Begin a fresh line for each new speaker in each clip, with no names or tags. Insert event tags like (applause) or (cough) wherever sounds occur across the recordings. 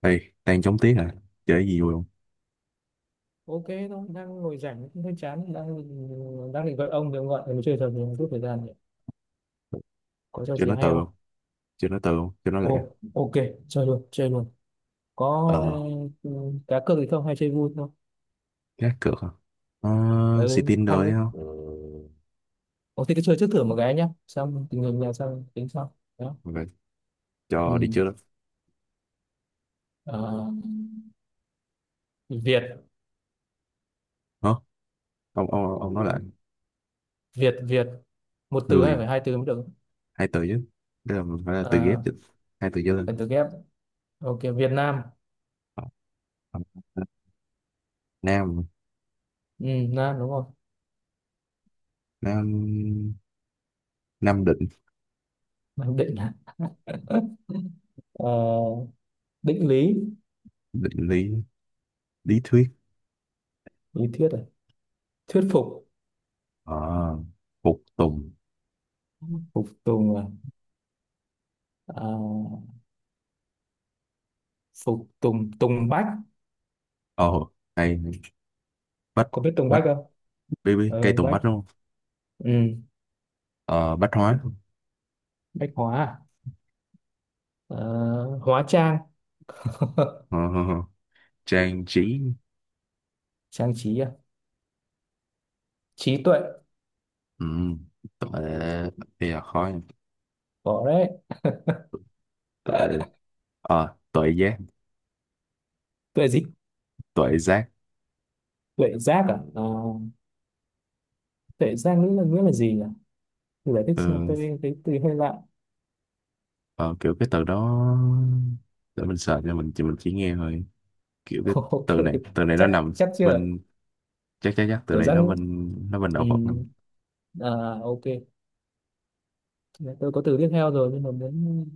Ê, đang chống tiếng hả? Chơi cái gì vui không?
Ok thôi, đang ngồi rảnh cũng hơi chán, đang đang định gọi ông thì ông gọi. Mình chơi trò gì một chút thời gian nhỉ, có trò
Chơi
gì
nói từ
hay không?
không? Chơi nói từ không? Chơi nói lẹ.
Ồ, ok, chơi luôn. Có.
Ờ,
Ừ, cá cược gì không hay chơi vui thôi?
gác cược hả? Ờ, xì
Ừ
tin rồi
thằng.
đấy không?
Ừ. Ồ thì cứ chơi trước thử một cái nhá, xong tình hình là xong tính sau đó.
Rồi, cho đi
Ừ.
chưa?
Ờ, Việt.
Hả? Ông nói lại.
Việt, một từ hay
Người,
phải hai từ mới được?
hai từ chứ. Đây là phải là từ ghép
À,
chứ. Hai từ trở lên.
phải từ ghép. Ok, Việt Nam.
Ờ, ờ, Nam,
Ừ, Nam đúng không.
Nam, Nam định,
Nam Định. (laughs) Ờ, định lý.
định lý, lý thuyết.
Lý thuyết à. Thuyết phục.
Ờ, phục tùng.
Phục tùng à, à, phục tùng. Tùng bách.
Ồ, hay. Bách,
Có biết tùng
bách,
bách không?
baby, cây
Ờ,
tùng
bách.
bách đúng không?
Ừ,
Ờ, bách hóa.
bách hóa à? Ờ, hóa trang. (laughs)
Ờ, ờ, ờ. Trang trí.
Trang trí à. Trí tuệ.
ừ. Tội bây giờ khó nha.
Có đấy.
Tội ờ
Tuệ gì?
tội giác
Tuệ giác à, Ờ, tuệ giác nghĩa là gì nhỉ? Tôi giải thích xem,
ừ.
tôi thấy từ hơi lạ.
ờ, Kiểu cái từ đó, để mình sợ, cho mình chỉ, mình chỉ nghe thôi, kiểu cái,
(laughs) Ok.
từ này nó
chắc
nằm
chắc chưa.
bên, chắc chắc chắc từ
Kiểu
này
giác.
nó bên, nó bên
Ừ,
đạo Phật. Ừ.
à, ok, tôi có từ tiếp theo rồi nhưng mà đến.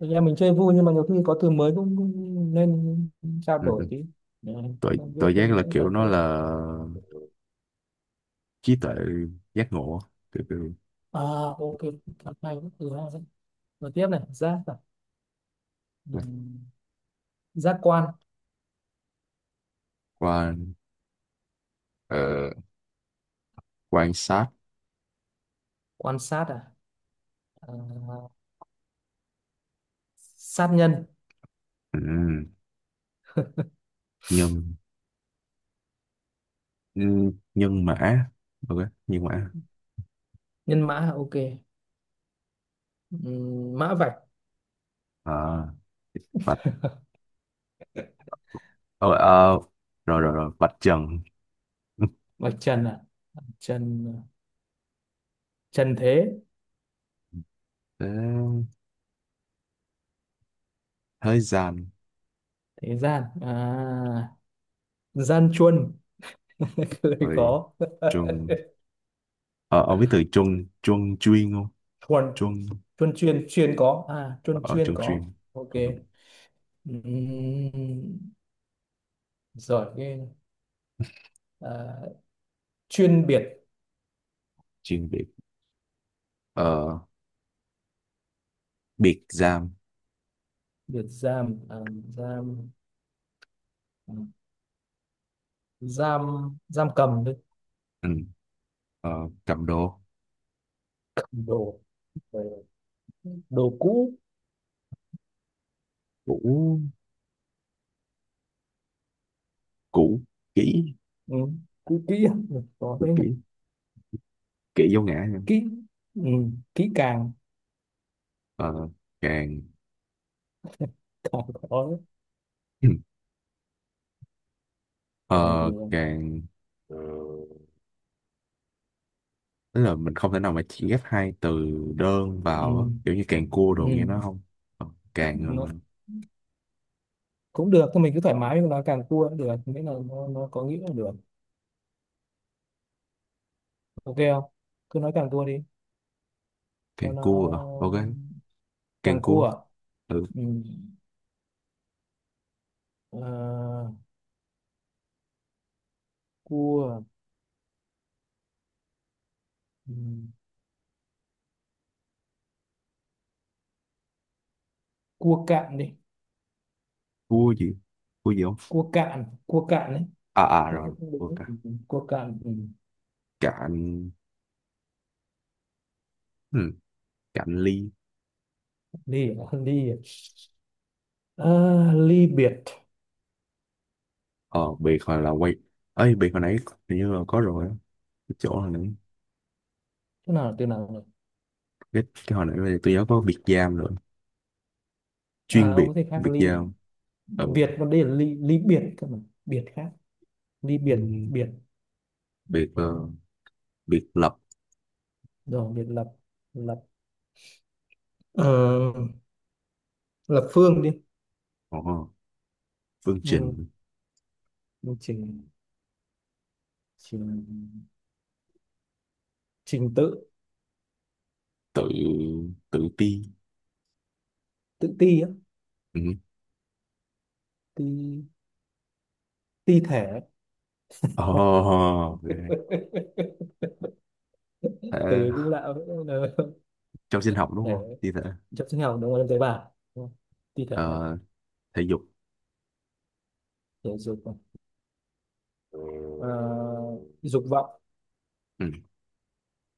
Thực ra mình chơi vui nhưng mà nhiều khi có từ mới cũng nên trao
ừ.
đổi tí để
Tội,
không, biết
tội
thêm
giác là
nghĩa
kiểu
càng
nó
tốt.
là trí tuệ, giác ngộ, kiểu.
À, ok, càng hay quá, từ hai đấy. Rồi tiếp này, giác à. Ừm, giác quan.
Quan, ờ, quan sát.
Quan sát à, à, sát nhân.
ừ. Nhân, nhân mã. Ok, nhân mã
Nhân mã à, ok. Mã vạch.
à. Ờ, ờ, rồi rồi rồi Bạch Trần. (laughs)
Vạch trần à. Trần. Trần thế.
Thế, Thế gian.
Thế gian à. Gian chuân. (laughs) Lời
Rồi
có. (laughs)
Trung, ờ, ông biết từ Trung Trung chuyên không?
Thuần.
Trung,
Chuân, chuyên, chuyên có à, chuân
ở
chuyên
Trung
có.
chuyên.
Ok.
ừ.
Ừm, giỏi ghê. À, chuyên biệt.
Chuyên biệt, ờ, biệt giam.
Biệt giam à, giam, à, giam, giam cầm đấy.
ừ. ờ, Cầm đồ
Cầm đồ. Rồi. Đồ cũ.
cũ, cũ kỹ
Ừ, cũ kỹ à? Ừ, có
cũ
thế
kỹ
này.
kỹ vô ngã.
Kỹ. Ừ, kỹ càng.
ờ, càng.
Càng. Có đấy.
(clears throat)
Càng gì
ờ,
rồi.
Càng tức là mình không thể nào mà chỉ ghép hai từ đơn
Ừ,
vào á, kiểu như càng cua
ừ,
đồ nghe nó không. Ờ, càng,
nó cũng được thôi, mình cứ thoải mái mình nói càng cua cũng được, miễn là nó có nghĩa là được. Ok không, cứ nói càng cua đi
càng
cho
cua à? Ok,
nó.
càng
Càng cua
cua.
à?
Ừ,
Ừ. À, cua. Ừ, cua cạn đi.
cua gì, cua gì không?
Cua cạn đấy.
À à,
Không-
rồi
không-
cua
đúng.
cả
Ừ, cua cạn. Ừ.
cạn. Ừ, cạn ly.
Ly à? (laughs) Ly à? Ờ, ly biệt.
Ờ biệt hồi là quay, ấy biệt hồi nãy hình như là có rồi á, cái chỗ hồi nãy,
Thế nào là từ nào nhỉ?
cái hồi nãy bây tôi nhớ có biệt giam rồi,
À
chuyên
ông
biệt,
có thể khác
biệt
ly
giam. ừ.
biệt, còn đây là ly, ly biệt cơ mà. Biệt khác. Ly
Ừ,
biệt biệt.
biệt, biệt lập.
Rồi biệt lập. Lập. Ờ, lập phương đi.
ờ, phương
Ừ.
trình.
Một trình. Trình. Trình tự.
Tự, tự ti.
Tự ti á.
ừ.
Ti. Ti thể.
Oh,
(laughs)
thể,
Từ cũng lạ.
trong sinh học đúng
Thế
không, thi thể.
chất sinh học đúng không? Em tế bào đúng không? Thi thể.
ờ, thể dục.
Thể dục này. À, dục vọng.
ừ.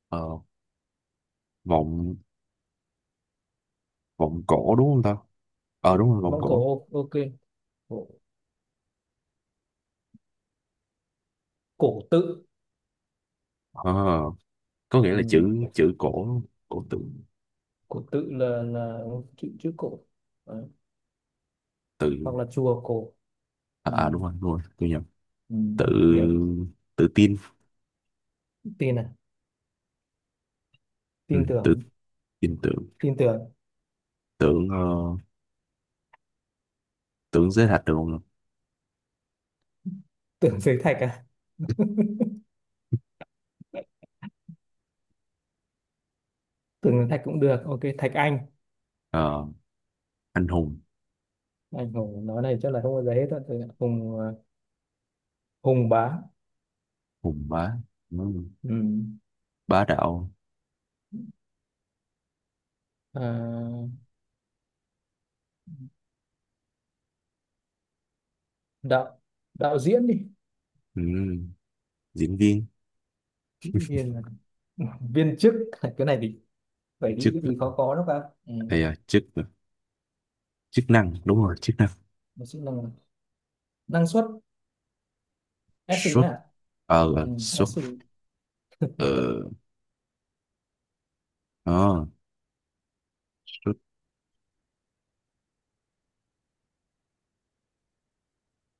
ờ, Vọng, vọng cổ đúng không ta? Ờ đúng rồi, vọng
Mong cổ,
cổ.
ô- ok, cổ, cổ tự.
Ờ, có nghĩa
Ừ.
là chữ, chữ cổ, cổ tự.
Cổ tự là chữ, chữ cổ. Đấy.
Tự,
Hoặc là chùa cổ.
à
Ừ.
à đúng rồi đúng rồi, tôi nhầm.
Ừ.
Tự,
Ừ.
tự tin.
Tin à,
Ừ,
tin
tự,
tưởng
tin tưởng.
tin tưởng.
tưởng ờ, Tưởng giới hạt được không?
Tưởng (laughs) Dưới thạch à, tưởng dưới thạch cũng được, ok, thạch anh.
Ờ, anh hùng,
Anh hùng nói này chắc là không bao giờ hết rồi. Thạch hùng à, hùng bá.
hùng bá. Ừ,
Ừ.
bá đạo.
À, đạo, đạo diễn đi.
Ừ, diễn viên.
Viên à, viên chức. (laughs) Cái này thì vậy đi,
Chức,
vì khó có đó bạn. Ừ.
hay là chức, chức năng, đúng rồi chức năng.
mình sẽ nâng năng suất. SC
Xuất,
nhá. Ừ.
xuất,
SC.
ờ ờ, xuất,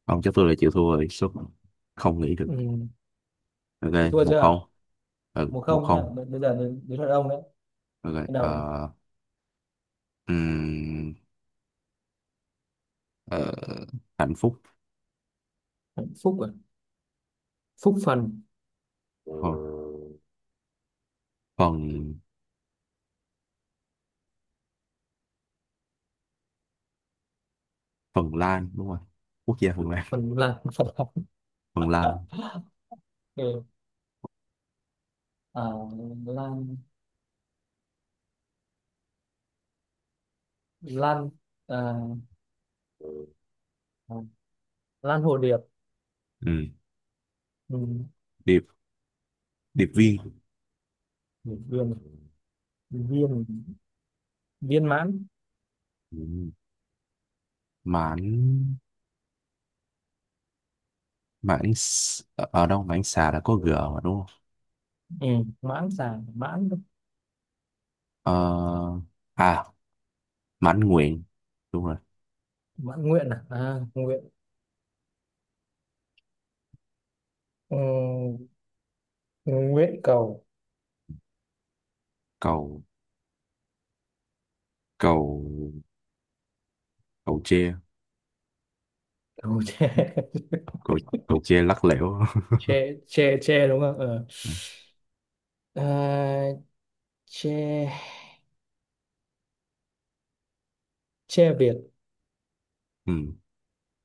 không chắc, tôi lại chịu thua rồi. Xuất, không nghĩ được.
Ừ.
Ok,
Mình thua
một không.
chưa?
Ừ,
Một
một
không nhá.
không.
B- bây giờ đến đến lượt ông đấy,
Ok,
bắt đầu.
Ừm, ờ, hạnh phúc.
Phúc à. Phúc phần.
ờ, Phần, Phần Lan đúng rồi, quốc gia Phần Lan.
Phần là Phật (laughs) học.
(laughs) Phần Lan.
Ừ. À, lan, lan, à, à, lan hồ điệp.
Ừm,
Ừ.
Điệp, điệp viên.
Viên. Viên. Viên mãn.
Ừm, Mãn, ở đâu mãn xà là có g mà đúng không?
Ừ. Mãn xà. Mãn.
Ờ, à mãn nguyện, đúng rồi.
Mãn nguyện à, à, nguyện. Ừ. Nguyện cầu.
Cầu, cầu cầu tre.
Cầu tre. (laughs)
Cầu Cầu tre lắc lẻo.
Che, che đúng không ờ.
(laughs)
À, che, che Việt.
ừ.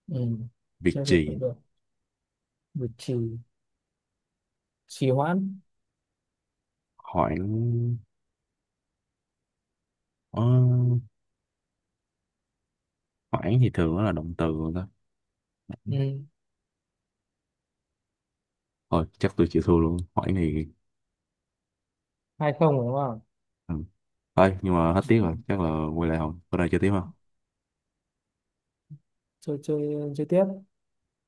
Ừ.
Việc
Che Việt cũng
gì?
được. Việt Trì. Trì hoãn.
Hoãn, ờ, hoãn thì thường nó là động từ rồi đó.
Ừ.
Thôi chắc tôi chịu thua luôn, hoãn thì.
Hai không đúng không.
ừ. Thôi nhưng mà hết
Ừ.
tiếng rồi, chắc là quay lại không? Bữa nào chơi tiếp không?
chơi chơi chơi tiếp.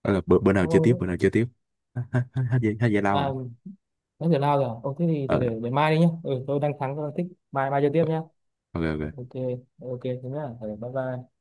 Đó là bữa nào
ông
chơi tiếp, bữa
ông
nào chơi tiếp. (laughs) hết hết hết giải lao
à,
rồi.
nói giờ nào rồi. Ông thế thì,
Ờ,
thì để mai đi nhá. Ừ, tôi đang thắng tôi đang thích, mai mai chơi tiếp nhá.
ok ok.
Ok ok, thế nhá. Ừ, bye bye.